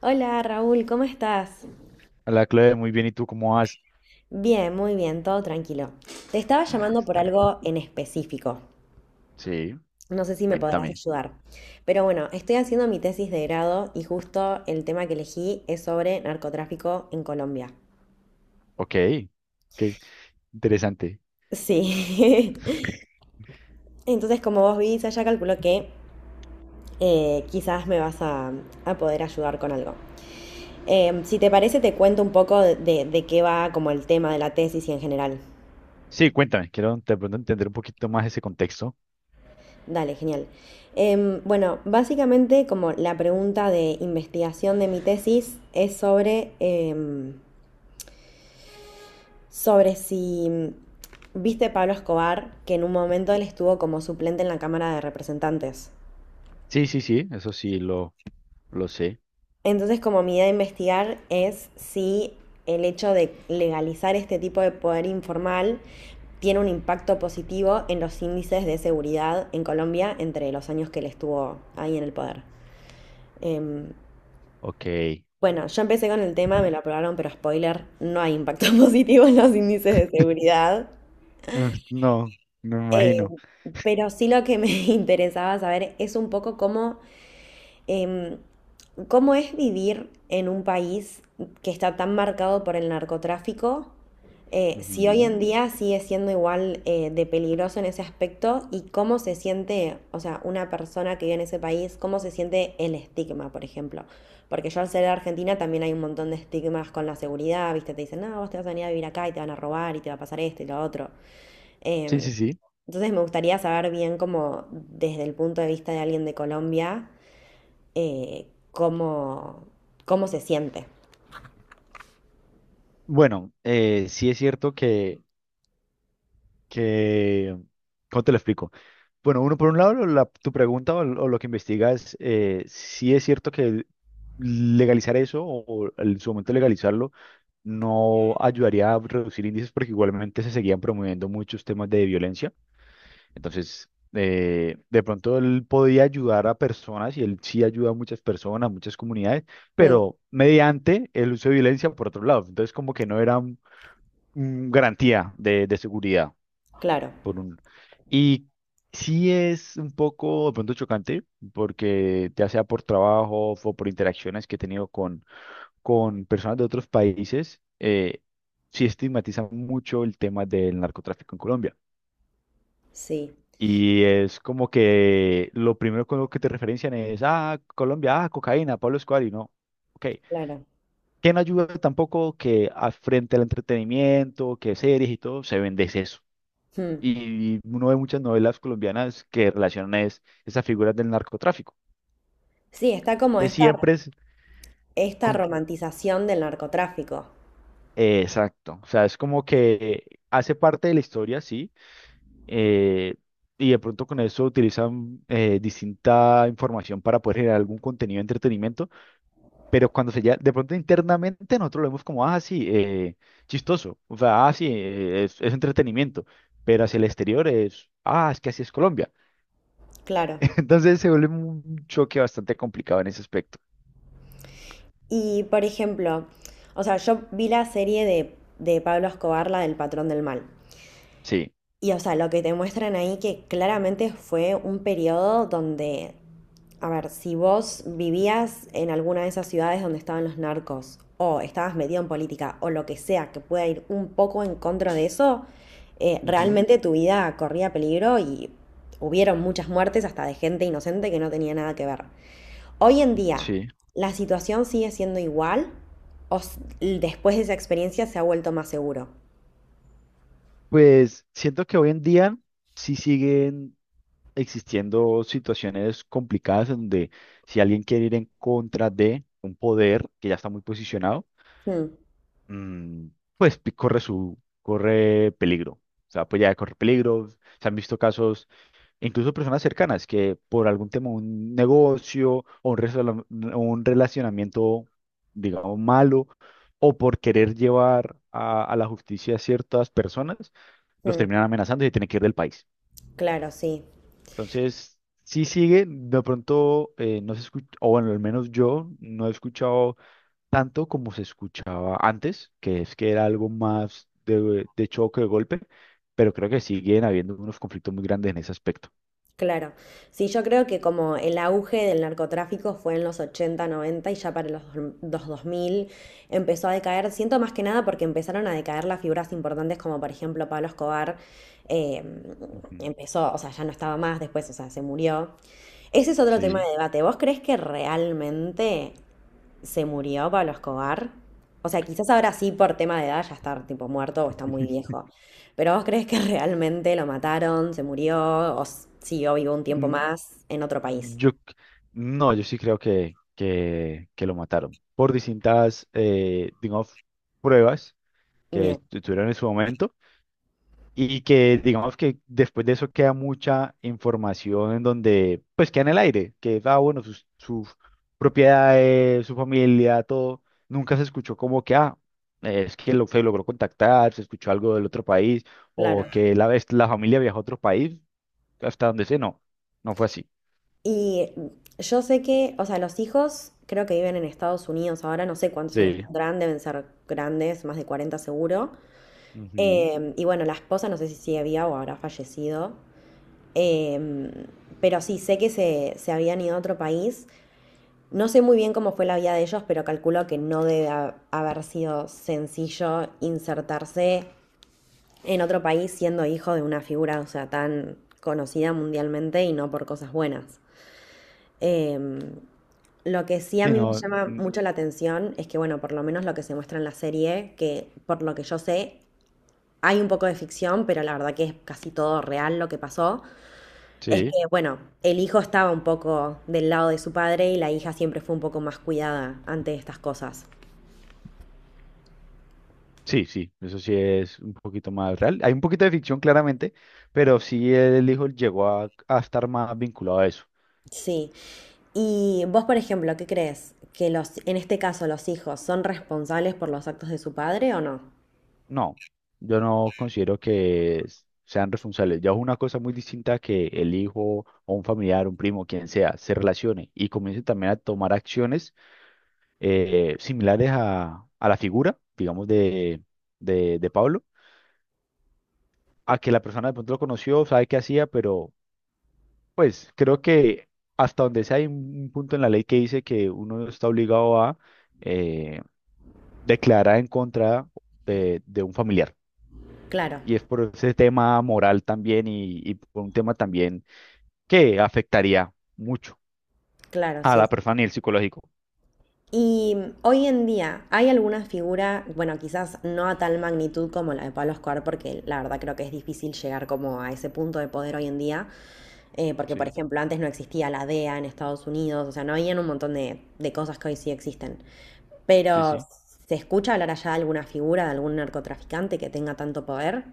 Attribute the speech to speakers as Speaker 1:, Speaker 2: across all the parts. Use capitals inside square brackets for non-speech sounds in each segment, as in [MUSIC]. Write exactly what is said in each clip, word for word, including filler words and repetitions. Speaker 1: Hola Raúl, ¿cómo estás?
Speaker 2: Hola, Chloe, muy bien. ¿Y tú cómo vas?
Speaker 1: Bien, muy bien, todo tranquilo. Te estaba
Speaker 2: Ah,
Speaker 1: llamando por
Speaker 2: está bien.
Speaker 1: algo en específico.
Speaker 2: Sí,
Speaker 1: No sé si me podrás
Speaker 2: cuéntame.
Speaker 1: ayudar. Pero bueno, estoy haciendo mi tesis de grado y justo el tema que elegí es sobre narcotráfico en Colombia.
Speaker 2: Ok, ok, interesante.
Speaker 1: Sí. [LAUGHS] Entonces, como vos viste, ya calculo que eh, quizás me vas a, a poder ayudar con algo. Eh, si te parece, te cuento un poco de, de de qué va como el tema de la tesis y en general.
Speaker 2: Sí, cuéntame. Quiero de pronto entender un poquito más ese contexto.
Speaker 1: Dale, genial. Em, bueno, básicamente como la pregunta de investigación de mi tesis es sobre, em, sobre si viste Pablo Escobar, que en un momento él estuvo como suplente en la Cámara de Representantes.
Speaker 2: Sí, sí, sí, eso sí, lo, lo sé.
Speaker 1: Entonces, como mi idea de investigar es si el hecho de legalizar este tipo de poder informal tiene un impacto positivo en los índices de seguridad en Colombia entre los años que él estuvo ahí en el poder. Em,
Speaker 2: Ok.
Speaker 1: Bueno, yo empecé con el tema, me lo aprobaron, pero spoiler, no hay impacto [LAUGHS] positivo en los índices de seguridad.
Speaker 2: Mm, no, no me
Speaker 1: Eh,
Speaker 2: imagino.
Speaker 1: pero sí lo que me [LAUGHS] interesaba saber es un poco cómo. Em, ¿Cómo es vivir en un país que está tan marcado por el narcotráfico? Eh, si hoy
Speaker 2: Ujú.
Speaker 1: en día sigue siendo igual eh, de peligroso en ese aspecto y cómo se siente, o sea, una persona que vive en ese país, cómo se siente el estigma, por ejemplo. Porque yo al ser de Argentina también hay un montón de estigmas con la seguridad, ¿viste? Te dicen, no, vos te vas a venir a vivir acá y te van a robar y te va a pasar esto y lo otro.
Speaker 2: Sí,
Speaker 1: Em,
Speaker 2: sí, sí.
Speaker 1: entonces me gustaría saber bien cómo desde el punto de vista de alguien de Colombia, eh, cómo, cómo se siente.
Speaker 2: Bueno, eh, sí es cierto que que, ¿cómo te lo explico? Bueno, uno por un lado, la- tu pregunta o, o lo que investigas, eh, sí es cierto que legalizar eso o, o en su momento legalizarlo no ayudaría a reducir índices porque igualmente se seguían promoviendo muchos temas de violencia. Entonces, eh, de pronto él podía ayudar a personas y él sí ayuda a muchas personas, muchas comunidades,
Speaker 1: Mm,
Speaker 2: pero mediante el uso de violencia por otro lado. Entonces, como que no era mm, garantía de de seguridad
Speaker 1: claro,
Speaker 2: por un... Y sí es un poco de pronto chocante, porque ya sea por trabajo o por interacciones que he tenido con, con personas de otros países, eh, sí estigmatiza mucho el tema del narcotráfico en Colombia.
Speaker 1: sí,
Speaker 2: Y es como que lo primero con lo que te referencian es, ah, Colombia, ah, cocaína, Pablo Escobar, y no. Ok,
Speaker 1: claro.
Speaker 2: que no ayuda tampoco que a- frente al entretenimiento, que series y todo, se vende
Speaker 1: Mm.
Speaker 2: y uno ve muchas novelas colombianas que relacionan es, esas figuras del narcotráfico.
Speaker 1: Sí, está como
Speaker 2: Entonces
Speaker 1: esta,
Speaker 2: siempre es
Speaker 1: esta
Speaker 2: como,
Speaker 1: romantización del narcotráfico,
Speaker 2: eh, exacto, o sea, es como que hace parte de la historia, sí, eh, y de pronto con eso utilizan eh, distinta información para poder generar algún contenido de entretenimiento, pero cuando se ya, de pronto internamente nosotros lo vemos como, ah, sí, eh, chistoso, o sea, ah, sí, eh, es, es entretenimiento, pero hacia el exterior es, ah, es que así es Colombia.
Speaker 1: claro.
Speaker 2: [LAUGHS] Entonces se vuelve un choque bastante complicado en ese aspecto.
Speaker 1: Y por ejemplo, o sea, yo vi la serie de, de Pablo Escobar, la del Patrón del Mal.
Speaker 2: Sí,
Speaker 1: Y o sea, lo que te muestran ahí que claramente fue un periodo donde, a ver, si vos vivías en alguna de esas ciudades donde estaban los narcos, o estabas metido en política, o lo que sea que pueda ir un poco en contra de eso, eh,
Speaker 2: ujú,
Speaker 1: realmente tu vida corría peligro y hubieron muchas muertes hasta de gente inocente que no tenía nada que ver. Hoy en día,
Speaker 2: sí.
Speaker 1: ¿la situación sigue siendo igual o s- después de esa experiencia se ha vuelto más seguro?
Speaker 2: Pues siento que hoy en día sí siguen existiendo situaciones complicadas en donde si alguien quiere ir en contra de un poder que ya está muy posicionado,
Speaker 1: Hmm,
Speaker 2: mm, pues pi- corre su, corre peligro. O sea, pues ya corre peligro. Se han visto casos incluso personas cercanas que por algún tema, un negocio o un, resala- un relacionamiento, digamos, malo, o por querer llevar a, a la justicia a ciertas personas, los
Speaker 1: hmm,
Speaker 2: terminan amenazando y se tienen que ir del país.
Speaker 1: claro, sí.
Speaker 2: Entonces, sí sigue, de pronto eh, no se escucha, o bueno, al menos yo no he escuchado tanto como se escuchaba antes, que es que era algo más de, de choque, de golpe, pero creo que siguen habiendo unos conflictos muy grandes en ese aspecto.
Speaker 1: Claro, sí, yo creo que como el auge del narcotráfico fue en los ochenta, noventa y ya para los, dos- los dos mil empezó a decaer, siento más que nada porque empezaron a decaer las figuras importantes como por ejemplo Pablo Escobar, eh,
Speaker 2: Ujú,
Speaker 1: empezó, o sea, ya no estaba más después, o sea, se murió. Ese es otro tema
Speaker 2: sí.
Speaker 1: de debate. ¿Vos crees que realmente se murió Pablo Escobar? O sea, quizás ahora sí por tema de edad ya está tipo muerto o está muy viejo. Pero ¿vos crees que [LAUGHS] realmente lo mataron, se murió o s- siguió vivo un tiempo
Speaker 2: Mm,
Speaker 1: más en otro país?
Speaker 2: Yo, c- no, yo sí creo que, que, que lo mataron por distintas, eh, digamos, pruebas que
Speaker 1: Bien,
Speaker 2: tu- tuvieron en su momento y que, digamos, que después de eso queda mucha información en donde, pues, queda en el aire, que, ah, bueno, sus, sus propiedades, su familia, todo, nunca se escuchó como que, ah, es que lo, se logró contactar, se escuchó algo del otro país o
Speaker 1: claro.
Speaker 2: que la, vez- la familia viajó a otro país, hasta donde sé, no, no fue así.
Speaker 1: Y yo sé que, o sea, los hijos creo que viven en Estados Unidos ahora, no sé cuántos años
Speaker 2: Sí.
Speaker 1: tendrán, deben ser grandes, más de cuarenta seguro.
Speaker 2: Ujú.
Speaker 1: Em, y bueno, la esposa no sé si sigue viva o habrá fallecido. Em, pero sí, sé que se, se habían ido a otro país. No sé muy bien cómo fue la vida de ellos, pero calculo que no debe ha- haber sido sencillo insertarse en otro país siendo hijo de una figura, o sea, tan conocida mundialmente y no por cosas buenas. Em, lo que sí a
Speaker 2: Sí,
Speaker 1: mí me
Speaker 2: no,
Speaker 1: llama
Speaker 2: mm,
Speaker 1: mucho la atención es que, bueno, por lo menos lo que se muestra en la serie, que por lo que yo sé, hay un poco de ficción, pero la verdad que es casi todo real lo que pasó. Es que,
Speaker 2: sí,
Speaker 1: bueno, el hijo estaba un poco del lado de su padre y la hija siempre fue un poco más cuidada ante estas cosas.
Speaker 2: sí, sí, eso sí es un poquito más real. Hay un poquito de ficción claramente, pero sí el hijo llegó a, a estar más vinculado a eso.
Speaker 1: Sí. Y vos, por ejemplo, ¿qué crees? ¿Que los, en este caso los hijos son responsables por los actos de su padre o no?
Speaker 2: No, yo no considero que s- sean responsables. Ya es una cosa muy distinta que el hijo o un familiar, un primo, quien sea, se relacione y comience también a tomar acciones eh, similares a, a la figura, digamos, de, de, de Pablo, a que la persona de pronto lo conoció, sabe qué hacía, pero pues creo que hasta donde sea hay un un punto en la ley que dice que uno está obligado a eh, declarar en contra de, de un familiar.
Speaker 1: Claro,
Speaker 2: Y es por ese tema moral también y, y por un tema también que afectaría mucho
Speaker 1: claro,
Speaker 2: a
Speaker 1: sí.
Speaker 2: la persona y el psicológico.
Speaker 1: Y mm, hoy en día, ¿hay alguna figura, bueno, quizás no a tal magnitud como la de Pablo Escobar, porque la verdad creo que es difícil llegar como a ese punto de poder hoy en día, eh, porque por
Speaker 2: Sí,
Speaker 1: ejemplo antes no existía la D E A en Estados Unidos, o sea, no habían un montón de, de cosas que hoy sí existen?
Speaker 2: sí,
Speaker 1: Pero,
Speaker 2: sí.
Speaker 1: ¿se escucha hablar allá de alguna figura, de algún narcotraficante que tenga tanto poder?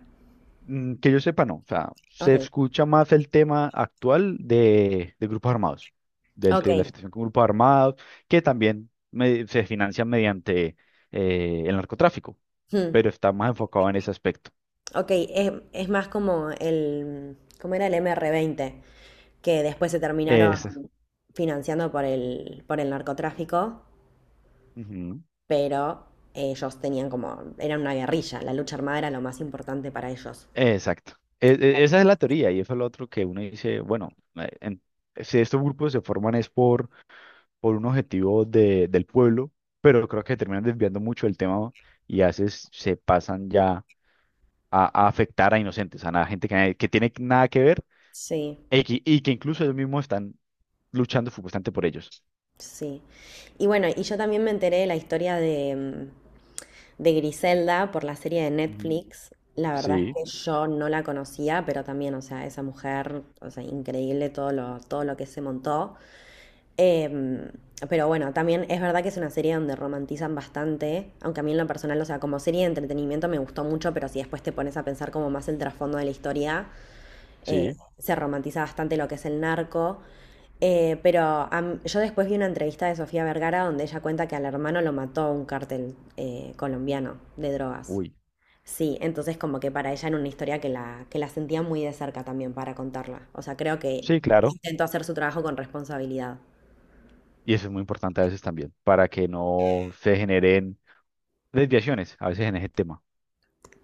Speaker 2: Mm, que yo sepa, no. O sea,
Speaker 1: Ok,
Speaker 2: se escucha más el tema actual de, de grupos armados, del,
Speaker 1: ok.
Speaker 2: de la situación con grupos armados, que también me- se financia mediante eh, el narcotráfico,
Speaker 1: Hmm.
Speaker 2: pero está más enfocado en ese aspecto.
Speaker 1: Ok, es, es más como el, ¿cómo era el M R veinte? Que después se terminaron
Speaker 2: Ese.
Speaker 1: financiando por el, por el narcotráfico,
Speaker 2: Ujú,
Speaker 1: pero ellos tenían como, eran una guerrilla, la lucha armada era lo más importante para ellos.
Speaker 2: exacto. E- e- esa es la teoría y eso es lo otro que uno dice, bueno, eh, en- si estos grupos se forman es por, por un objetivo de, del pueblo, pero creo que terminan desviando mucho el tema y a veces se pasan ya a, a afectar a inocentes, a nada- gente que, que tiene nada que ver
Speaker 1: Sí.
Speaker 2: y que, y que incluso ellos mismos están luchando supuestamente por ellos.
Speaker 1: Sí. Y bueno, y yo también me enteré de la historia de, mm, de Griselda por la serie de
Speaker 2: Ujú.
Speaker 1: Netflix. La verdad es
Speaker 2: Sí,
Speaker 1: que yo no la conocía, pero también, o sea, esa mujer, o sea, increíble todo lo, todo lo que se montó. Em, pero bueno, también es verdad que es una serie donde romantizan bastante, aunque a mí en lo personal, o sea, como serie de entretenimiento me gustó mucho, pero si después te pones a pensar como más el trasfondo de la historia, eh,
Speaker 2: sí,
Speaker 1: se romantiza bastante lo que es el narco. Eh, pero am- yo después vi una entrevista de Sofía Vergara donde ella cuenta que al hermano lo mató un cártel eh, colombiano de drogas.
Speaker 2: uy,
Speaker 1: Sí, entonces como que para ella era una historia que la, que la sentía muy de cerca también para contarla. O sea, creo que
Speaker 2: sí, claro.
Speaker 1: intentó hacer su trabajo con responsabilidad.
Speaker 2: Y eso es muy importante a veces también, para que no se generen desviaciones a veces en ese tema.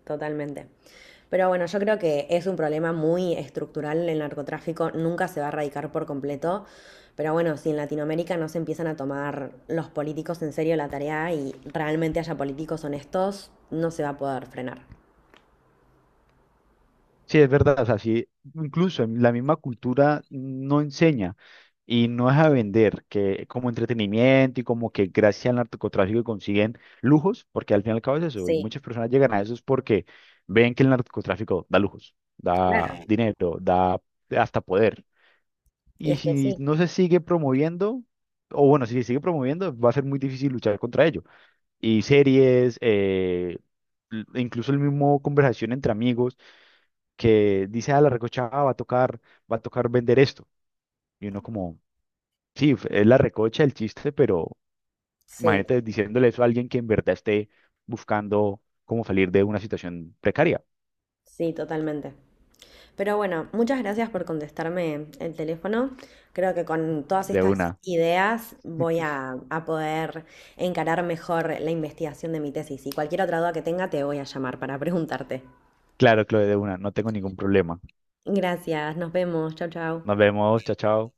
Speaker 1: Totalmente. Pero bueno, yo creo que es un problema muy estructural el narcotráfico, nunca se va a erradicar por completo. Pero bueno, si en Latinoamérica no se empiezan a tomar los políticos en serio la tarea y realmente haya políticos honestos, no se va a poder frenar.
Speaker 2: Sí, es verdad, o sea, sí, incluso en la misma cultura no enseña y no es a vender que como entretenimiento y como que gracias al narcotráfico consiguen lujos, porque al fin y al cabo es eso,
Speaker 1: Sí,
Speaker 2: muchas personas llegan a eso es porque ven que el narcotráfico da lujos, da
Speaker 1: claro.
Speaker 2: dinero, da hasta poder.
Speaker 1: Y
Speaker 2: Y
Speaker 1: es que
Speaker 2: si
Speaker 1: sí,
Speaker 2: no se sigue promoviendo, o bueno, si se sigue promoviendo, va a ser muy difícil luchar contra ello. Y series, eh, l- incluso el mismo conversación entre amigos que dice, ah, la recocha ah, va a tocar, va a tocar vender esto. Y uno como, sí, f- es la recocha el chiste, pero
Speaker 1: sí,
Speaker 2: imagínate diciéndole eso a alguien que en verdad esté buscando cómo salir de una situación precaria,
Speaker 1: sí, totalmente. Pero bueno, muchas gracias por contestarme el teléfono. Creo que con todas
Speaker 2: de
Speaker 1: estas
Speaker 2: una.
Speaker 1: ideas voy a, a poder encarar mejor la investigación de mi tesis. Y cualquier otra duda que tenga, te voy a llamar para preguntarte.
Speaker 2: Claro, Chloe, de una, no tengo ningún problema.
Speaker 1: Gracias, nos vemos. Chau, chau.
Speaker 2: Nos vemos, chao, chao.